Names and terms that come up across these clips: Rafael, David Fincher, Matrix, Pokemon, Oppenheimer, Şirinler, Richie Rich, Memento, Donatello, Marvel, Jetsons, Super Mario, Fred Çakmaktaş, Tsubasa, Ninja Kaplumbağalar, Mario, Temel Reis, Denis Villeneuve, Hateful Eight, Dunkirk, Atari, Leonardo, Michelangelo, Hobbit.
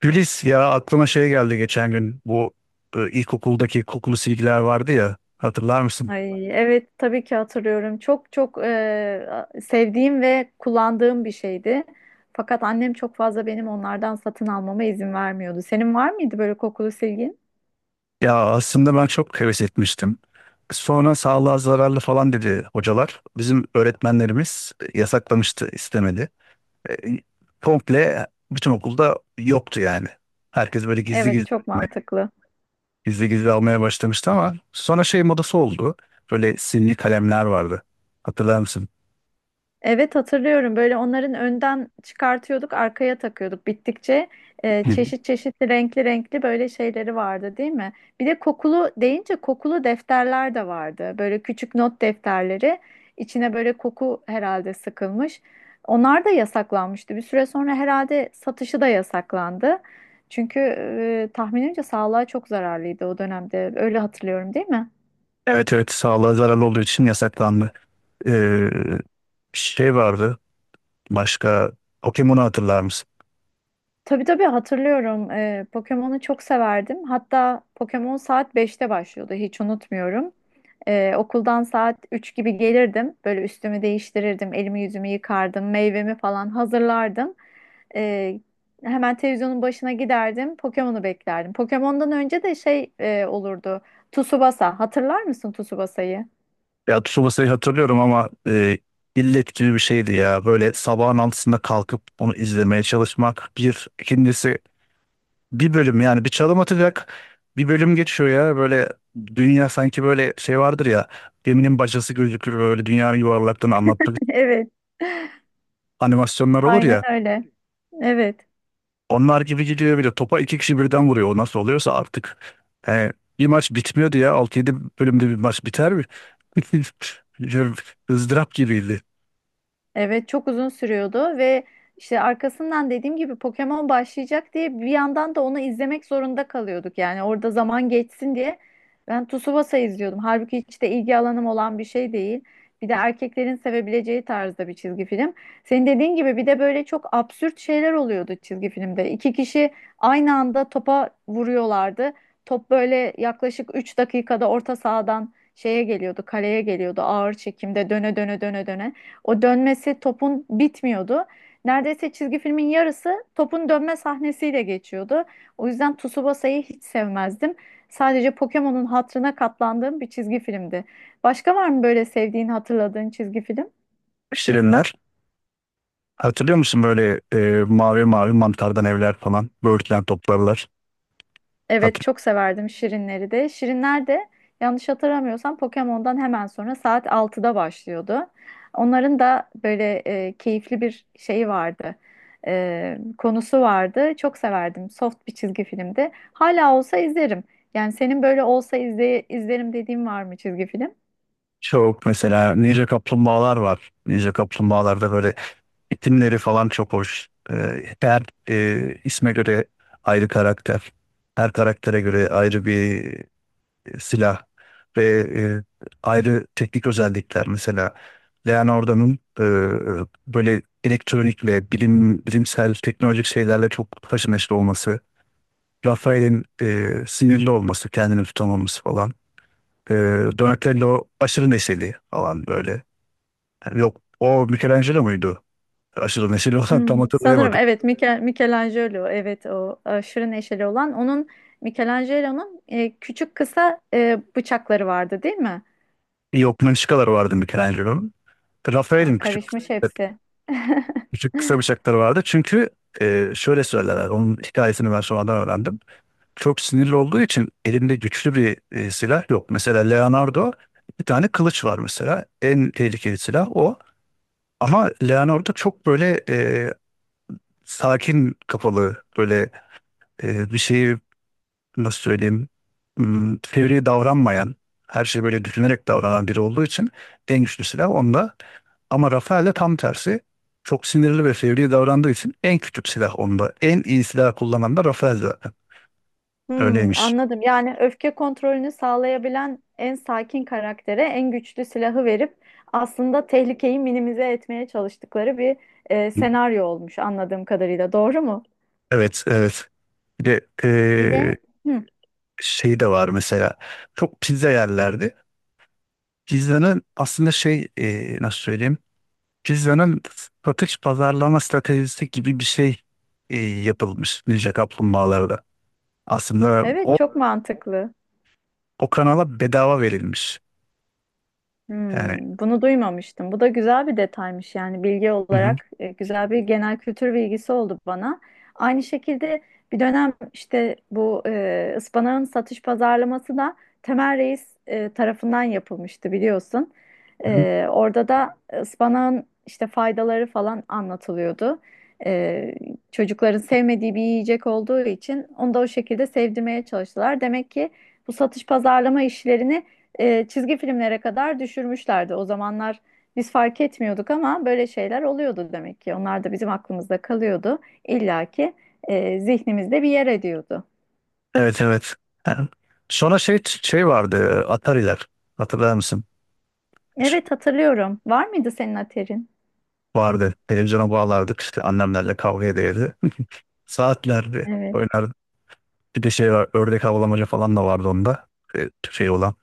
Gülis, ya aklıma şey geldi geçen gün, bu ilkokuldaki kokulu silgiler vardı ya, hatırlar mısın? Ay, evet tabii ki hatırlıyorum. Çok çok sevdiğim ve kullandığım bir şeydi. Fakat annem çok fazla benim onlardan satın almama izin vermiyordu. Senin var mıydı böyle kokulu silgin? Ya aslında ben çok heves etmiştim. Sonra sağlığa zararlı falan dedi hocalar. Bizim öğretmenlerimiz yasaklamıştı, istemedi. E, Komple bütün okulda yoktu yani. Herkes böyle gizli Evet, gizli çok almaya, mantıklı. gizli gizli almaya başlamıştı ama sonra şey modası oldu. Böyle sinli kalemler vardı. Hatırlar mısın? Evet, hatırlıyorum, böyle onların önden çıkartıyorduk, arkaya takıyorduk bittikçe, Hı. çeşit çeşit renkli renkli böyle şeyleri vardı değil mi? Bir de kokulu deyince kokulu defterler de vardı, böyle küçük not defterleri içine böyle koku herhalde sıkılmış. Onlar da yasaklanmıştı, bir süre sonra herhalde satışı da yasaklandı. Çünkü tahminimce sağlığa çok zararlıydı o dönemde, öyle hatırlıyorum, değil mi? Evet, evet, sağlığa zararlı olduğu için yasaklandı. Ee, şey vardı başka, Pokemon'u hatırlar mısın? Tabii tabii, hatırlıyorum. Pokemon'u çok severdim. Hatta Pokemon saat 5'te başlıyordu. Hiç unutmuyorum. Okuldan saat 3 gibi gelirdim. Böyle üstümü değiştirirdim. Elimi yüzümü yıkardım. Meyvemi falan hazırlardım. Ee, hemen televizyonun başına giderdim. Pokemon'u beklerdim. Pokemon'dan önce de şey olurdu. Tsubasa. Hatırlar mısın Tsubasa'yı? Ya Tsubasa'yı hatırlıyorum ama illet gibi bir şeydi ya. Böyle sabahın altısında kalkıp onu izlemeye çalışmak. Bir, ikincisi bir bölüm, yani bir çalım atacak bir bölüm geçiyor ya. Böyle dünya sanki böyle şey vardır ya, geminin bacası gözükür, böyle dünyanın yuvarlaklığını anlatmak Evet. animasyonlar olur Aynen ya. öyle. Evet. Onlar gibi gidiyor, bir de topa iki kişi birden vuruyor. O nasıl oluyorsa artık. He, bir maç bitmiyor diye, 6 yedi bölümde bir maç biter mi? ızdırap gibiydi. Evet, çok uzun sürüyordu ve işte arkasından dediğim gibi Pokemon başlayacak diye bir yandan da onu izlemek zorunda kalıyorduk. Yani orada zaman geçsin diye ben Tsubasa izliyordum. Halbuki hiç de ilgi alanım olan bir şey değil. Bir de erkeklerin sevebileceği tarzda bir çizgi film. Senin dediğin gibi bir de böyle çok absürt şeyler oluyordu çizgi filmde. İki kişi aynı anda topa vuruyorlardı. Top böyle yaklaşık 3 dakikada orta sahadan şeye geliyordu, kaleye geliyordu ağır çekimde döne döne döne döne. O dönmesi topun bitmiyordu. Neredeyse çizgi filmin yarısı topun dönme sahnesiyle geçiyordu. O yüzden Tsubasa'yı hiç sevmezdim. Sadece Pokemon'un hatırına katlandığım bir çizgi filmdi. Başka var mı böyle sevdiğin, hatırladığın çizgi film? Şirinler. Hatırlıyor musun böyle mavi mavi mantardan evler falan. Böğürtlen toplarlar. Evet, Hatır çok severdim Şirinleri de. Şirinler de yanlış hatırlamıyorsam Pokemon'dan hemen sonra saat 6'da başlıyordu. Onların da böyle keyifli bir şeyi vardı. Konusu vardı. Çok severdim. Soft bir çizgi filmdi. Hala olsa izlerim. Yani senin böyle olsa izlerim dediğin var mı çizgi film? Çok, mesela Ninja Kaplumbağalar var. Ninja Kaplumbağalarda böyle itimleri falan çok hoş. E, her isme göre ayrı karakter. Her karaktere göre ayrı bir silah ve e, ayrı teknik özellikler, mesela Leonardo'nun böyle elektronik ve bilimsel teknolojik şeylerle çok haşır neşir olması, Rafael'in sinirli olması, kendini tutamaması falan, e, Donatello aşırı neşeli falan böyle. Yani yok, o Michelangelo muydu? Aşırı neşeli olan, tam Hmm, sanırım hatırlayamadım. evet, Michelangelo, evet, o aşırı neşeli olan onun, Michelangelo'nun küçük kısa bıçakları vardı değil mi? Yok, Mınçıkalar vardı Michelangelo'nun. Ha, Rafael'in küçük karışmış hepsi. Küçük kısa bıçakları vardı. Çünkü şöyle söylerler. Onun hikayesini ben sonradan öğrendim. Çok sinirli olduğu için elinde güçlü bir silah yok. Mesela Leonardo, bir tane kılıç var mesela. En tehlikeli silah o. Ama Leonardo çok böyle sakin kafalı, böyle bir şeyi, nasıl söyleyeyim, fevri davranmayan, her şeyi böyle düşünerek davranan biri olduğu için en güçlü silah onda. Ama Rafaelle tam tersi. Çok sinirli ve fevri davrandığı için en küçük silah onda. En iyi silah kullanan da Rafael zaten. Hmm, Öyleymiş. anladım. Yani öfke kontrolünü sağlayabilen en sakin karaktere en güçlü silahı verip aslında tehlikeyi minimize etmeye çalıştıkları bir senaryo olmuş anladığım kadarıyla. Doğru mu? Evet, evet. Bir de Bir de. Hı, şey de var mesela. Çok pizza yerlerdi. Pizzanın aslında şey, nasıl söyleyeyim? Pizzanın satış pazarlama stratejisi gibi bir şey yapılmış Ninja Kaplumbağalarda. Aslında evet, çok mantıklı. o kanala bedava verilmiş. Yani, Hmm, bunu duymamıştım. Bu da güzel bir detaymış, yani bilgi hı hı. olarak güzel bir genel kültür bilgisi oldu bana. Aynı şekilde bir dönem işte bu ıspanağın satış pazarlaması da Temel Reis tarafından yapılmıştı biliyorsun. Orada da ıspanağın işte faydaları falan anlatılıyordu. E, çocukların sevmediği bir yiyecek olduğu için onu da o şekilde sevdirmeye çalıştılar. Demek ki bu satış pazarlama işlerini çizgi filmlere kadar düşürmüşlerdi. O zamanlar biz fark etmiyorduk ama böyle şeyler oluyordu demek ki. Onlar da bizim aklımızda kalıyordu. İlla ki zihnimizde bir yer ediyordu. Evet, evet. Yani sonra şey vardı, Atari'ler. Hatırlar mısın? Hiç Evet, hatırlıyorum. Var mıydı senin aterin? Vardı. Televizyona bağlardık, işte annemlerle kavga ederdi. Saatlerdi Evet. oynardı. Bir de şey var, ördek avlamaca falan da vardı onda. E, şey olan.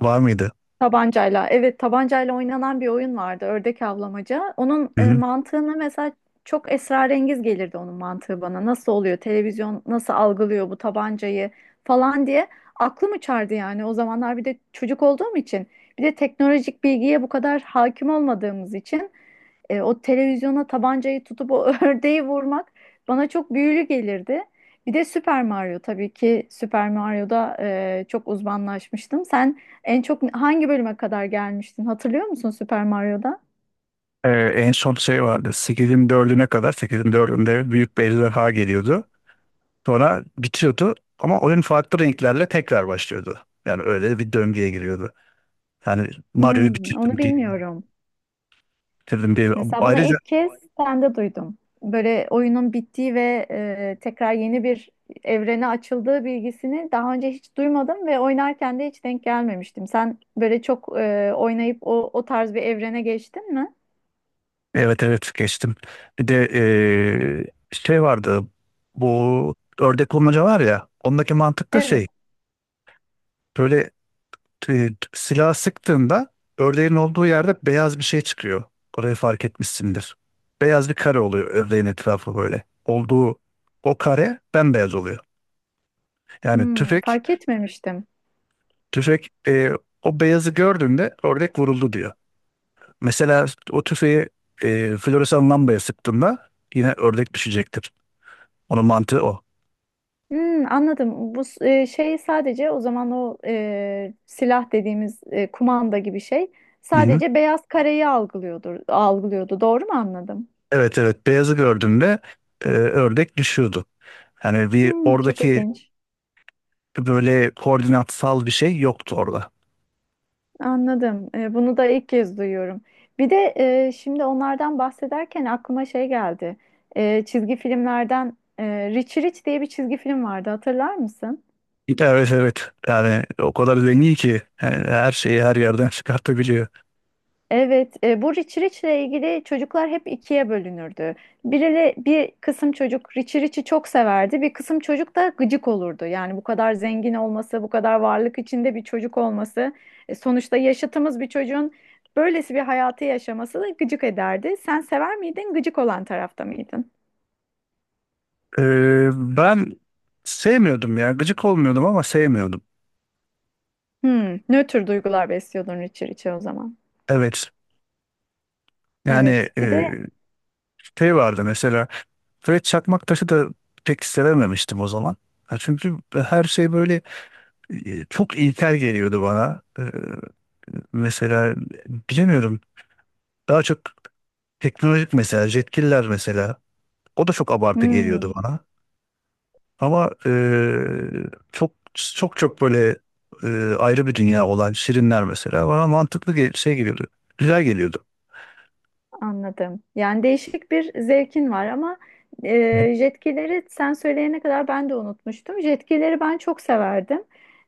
Var mıydı? Tabancayla. Evet, tabancayla oynanan bir oyun vardı. Ördek avlamaca. Onun Hı hı. mantığını, mesela çok esrarengiz gelirdi onun mantığı bana. Nasıl oluyor? Televizyon nasıl algılıyor bu tabancayı falan diye aklım uçardı yani. O zamanlar bir de çocuk olduğum için, bir de teknolojik bilgiye bu kadar hakim olmadığımız için o televizyona tabancayı tutup o ördeği vurmak bana çok büyülü gelirdi. Bir de Super Mario, tabii ki Super Mario'da çok uzmanlaşmıştım. Sen en çok hangi bölüme kadar gelmiştin? Hatırlıyor musun Super Mario'da? E, en son şey vardı. 8'in dördüne kadar, 8'in dördünde büyük bir ejderha geliyordu. Sonra bitiyordu ama oyun farklı renklerle tekrar başlıyordu. Yani öyle bir döngüye giriyordu. Yani Mario'yu Hmm, onu bilmiyorum. bitirdim diye. Mesela bunu Ayrıca ilk kez sende duydum. Böyle oyunun bittiği ve tekrar yeni bir evrene açıldığı bilgisini daha önce hiç duymadım ve oynarken de hiç denk gelmemiştim. Sen böyle çok oynayıp o tarz bir evrene geçtin mi? Evet, evet, geçtim. Bir de şey vardı, bu ördek bulmaca var ya, ondaki mantık da Evet. şey, böyle silah sıktığında ördeğin olduğu yerde beyaz bir şey çıkıyor. Orayı fark etmişsindir. Beyaz bir kare oluyor ördeğin etrafı, böyle olduğu, o kare bembeyaz oluyor. Yani Hmm, fark etmemiştim. tüfek o beyazı gördüğünde ördek vuruldu diyor. Mesela o tüfeği floresan lambaya sıktığında yine ördek düşecektir. Onun mantığı o. Hmm, anladım. Bu şey, sadece o zaman o silah dediğimiz kumanda gibi şey Hı-hı. sadece beyaz kareyi algılıyordu. Doğru mu anladım? Evet, evet, beyazı gördüğünde ördek düşüyordu. Yani bir Hmm, çok oradaki ilginç. böyle koordinatsal bir şey yoktu orada. Anladım. Bunu da ilk kez duyuyorum. Bir de şimdi onlardan bahsederken aklıma şey geldi. Çizgi filmlerden, Rich Rich diye bir çizgi film vardı. Hatırlar mısın? Evet, evet, yani o kadar zengin ki yani her şeyi her yerden çıkartabiliyor. Evet, bu Richie Rich'le ilgili çocuklar hep ikiye bölünürdü. Biriyle bir kısım çocuk Richie Rich'i çok severdi, bir kısım çocuk da gıcık olurdu. Yani bu kadar zengin olması, bu kadar varlık içinde bir çocuk olması, sonuçta yaşıtımız bir çocuğun böylesi bir hayatı yaşaması da gıcık ederdi. Sen sever miydin, gıcık olan tarafta mıydın? Ben sevmiyordum ya, gıcık olmuyordum ama sevmiyordum. Hmm, nötr duygular besliyordun Richie Rich'e o zaman. Evet yani Evet. Bir de. şey vardı mesela, Fred Çakmaktaş'ı da pek sevememiştim o zaman. Ha, çünkü her şey böyle çok ilkel geliyordu bana. Mesela bilemiyorum, daha çok teknolojik, mesela jetkiller mesela, o da çok abartı geliyordu hmm, bana. Ama çok çok çok böyle e, ayrı bir dünya olan Şirinler mesela bana mantıklı şey geliyordu. Güzel geliyordu. Anladım. Yani değişik bir zevkin var ama jetkileri sen söyleyene kadar ben de unutmuştum. Jetkileri ben çok severdim.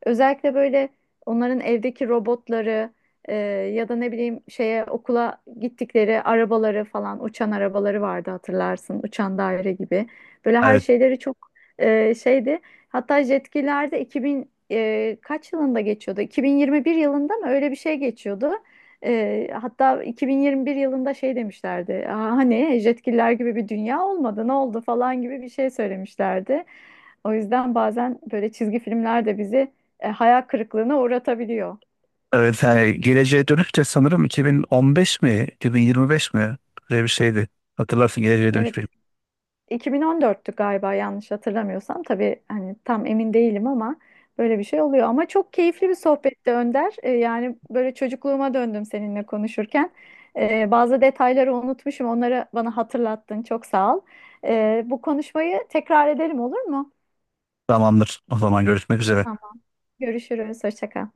Özellikle böyle onların evdeki robotları, e, ya da ne bileyim şeye okula gittikleri arabaları falan, uçan arabaları vardı hatırlarsın. Uçan daire gibi. Böyle her Evet. şeyleri çok şeydi. Hatta jetkilerde 2000 kaç yılında geçiyordu? 2021 yılında mı, öyle bir şey geçiyordu. Hatta 2021 yılında şey demişlerdi. "Aa, hani jetgiller gibi bir dünya olmadı, ne oldu" falan gibi bir şey söylemişlerdi. O yüzden bazen böyle çizgi filmler de bizi hayal kırıklığına uğratabiliyor. Evet yani geleceğe dönüş de sanırım 2015 mi 2025 mi, böyle bir şeydi. Hatırlarsın geleceğe Evet, dönüş bir. 2014'tü galiba, yanlış hatırlamıyorsam. Tabii hani tam emin değilim ama böyle bir şey oluyor. Ama çok keyifli bir sohbetti Önder. Yani böyle çocukluğuma döndüm seninle konuşurken. Bazı detayları unutmuşum. Onları bana hatırlattın. Çok sağ ol. Bu konuşmayı tekrar edelim, olur mu? Tamamdır. O zaman görüşmek üzere. Tamam. Görüşürüz. Hoşça kal.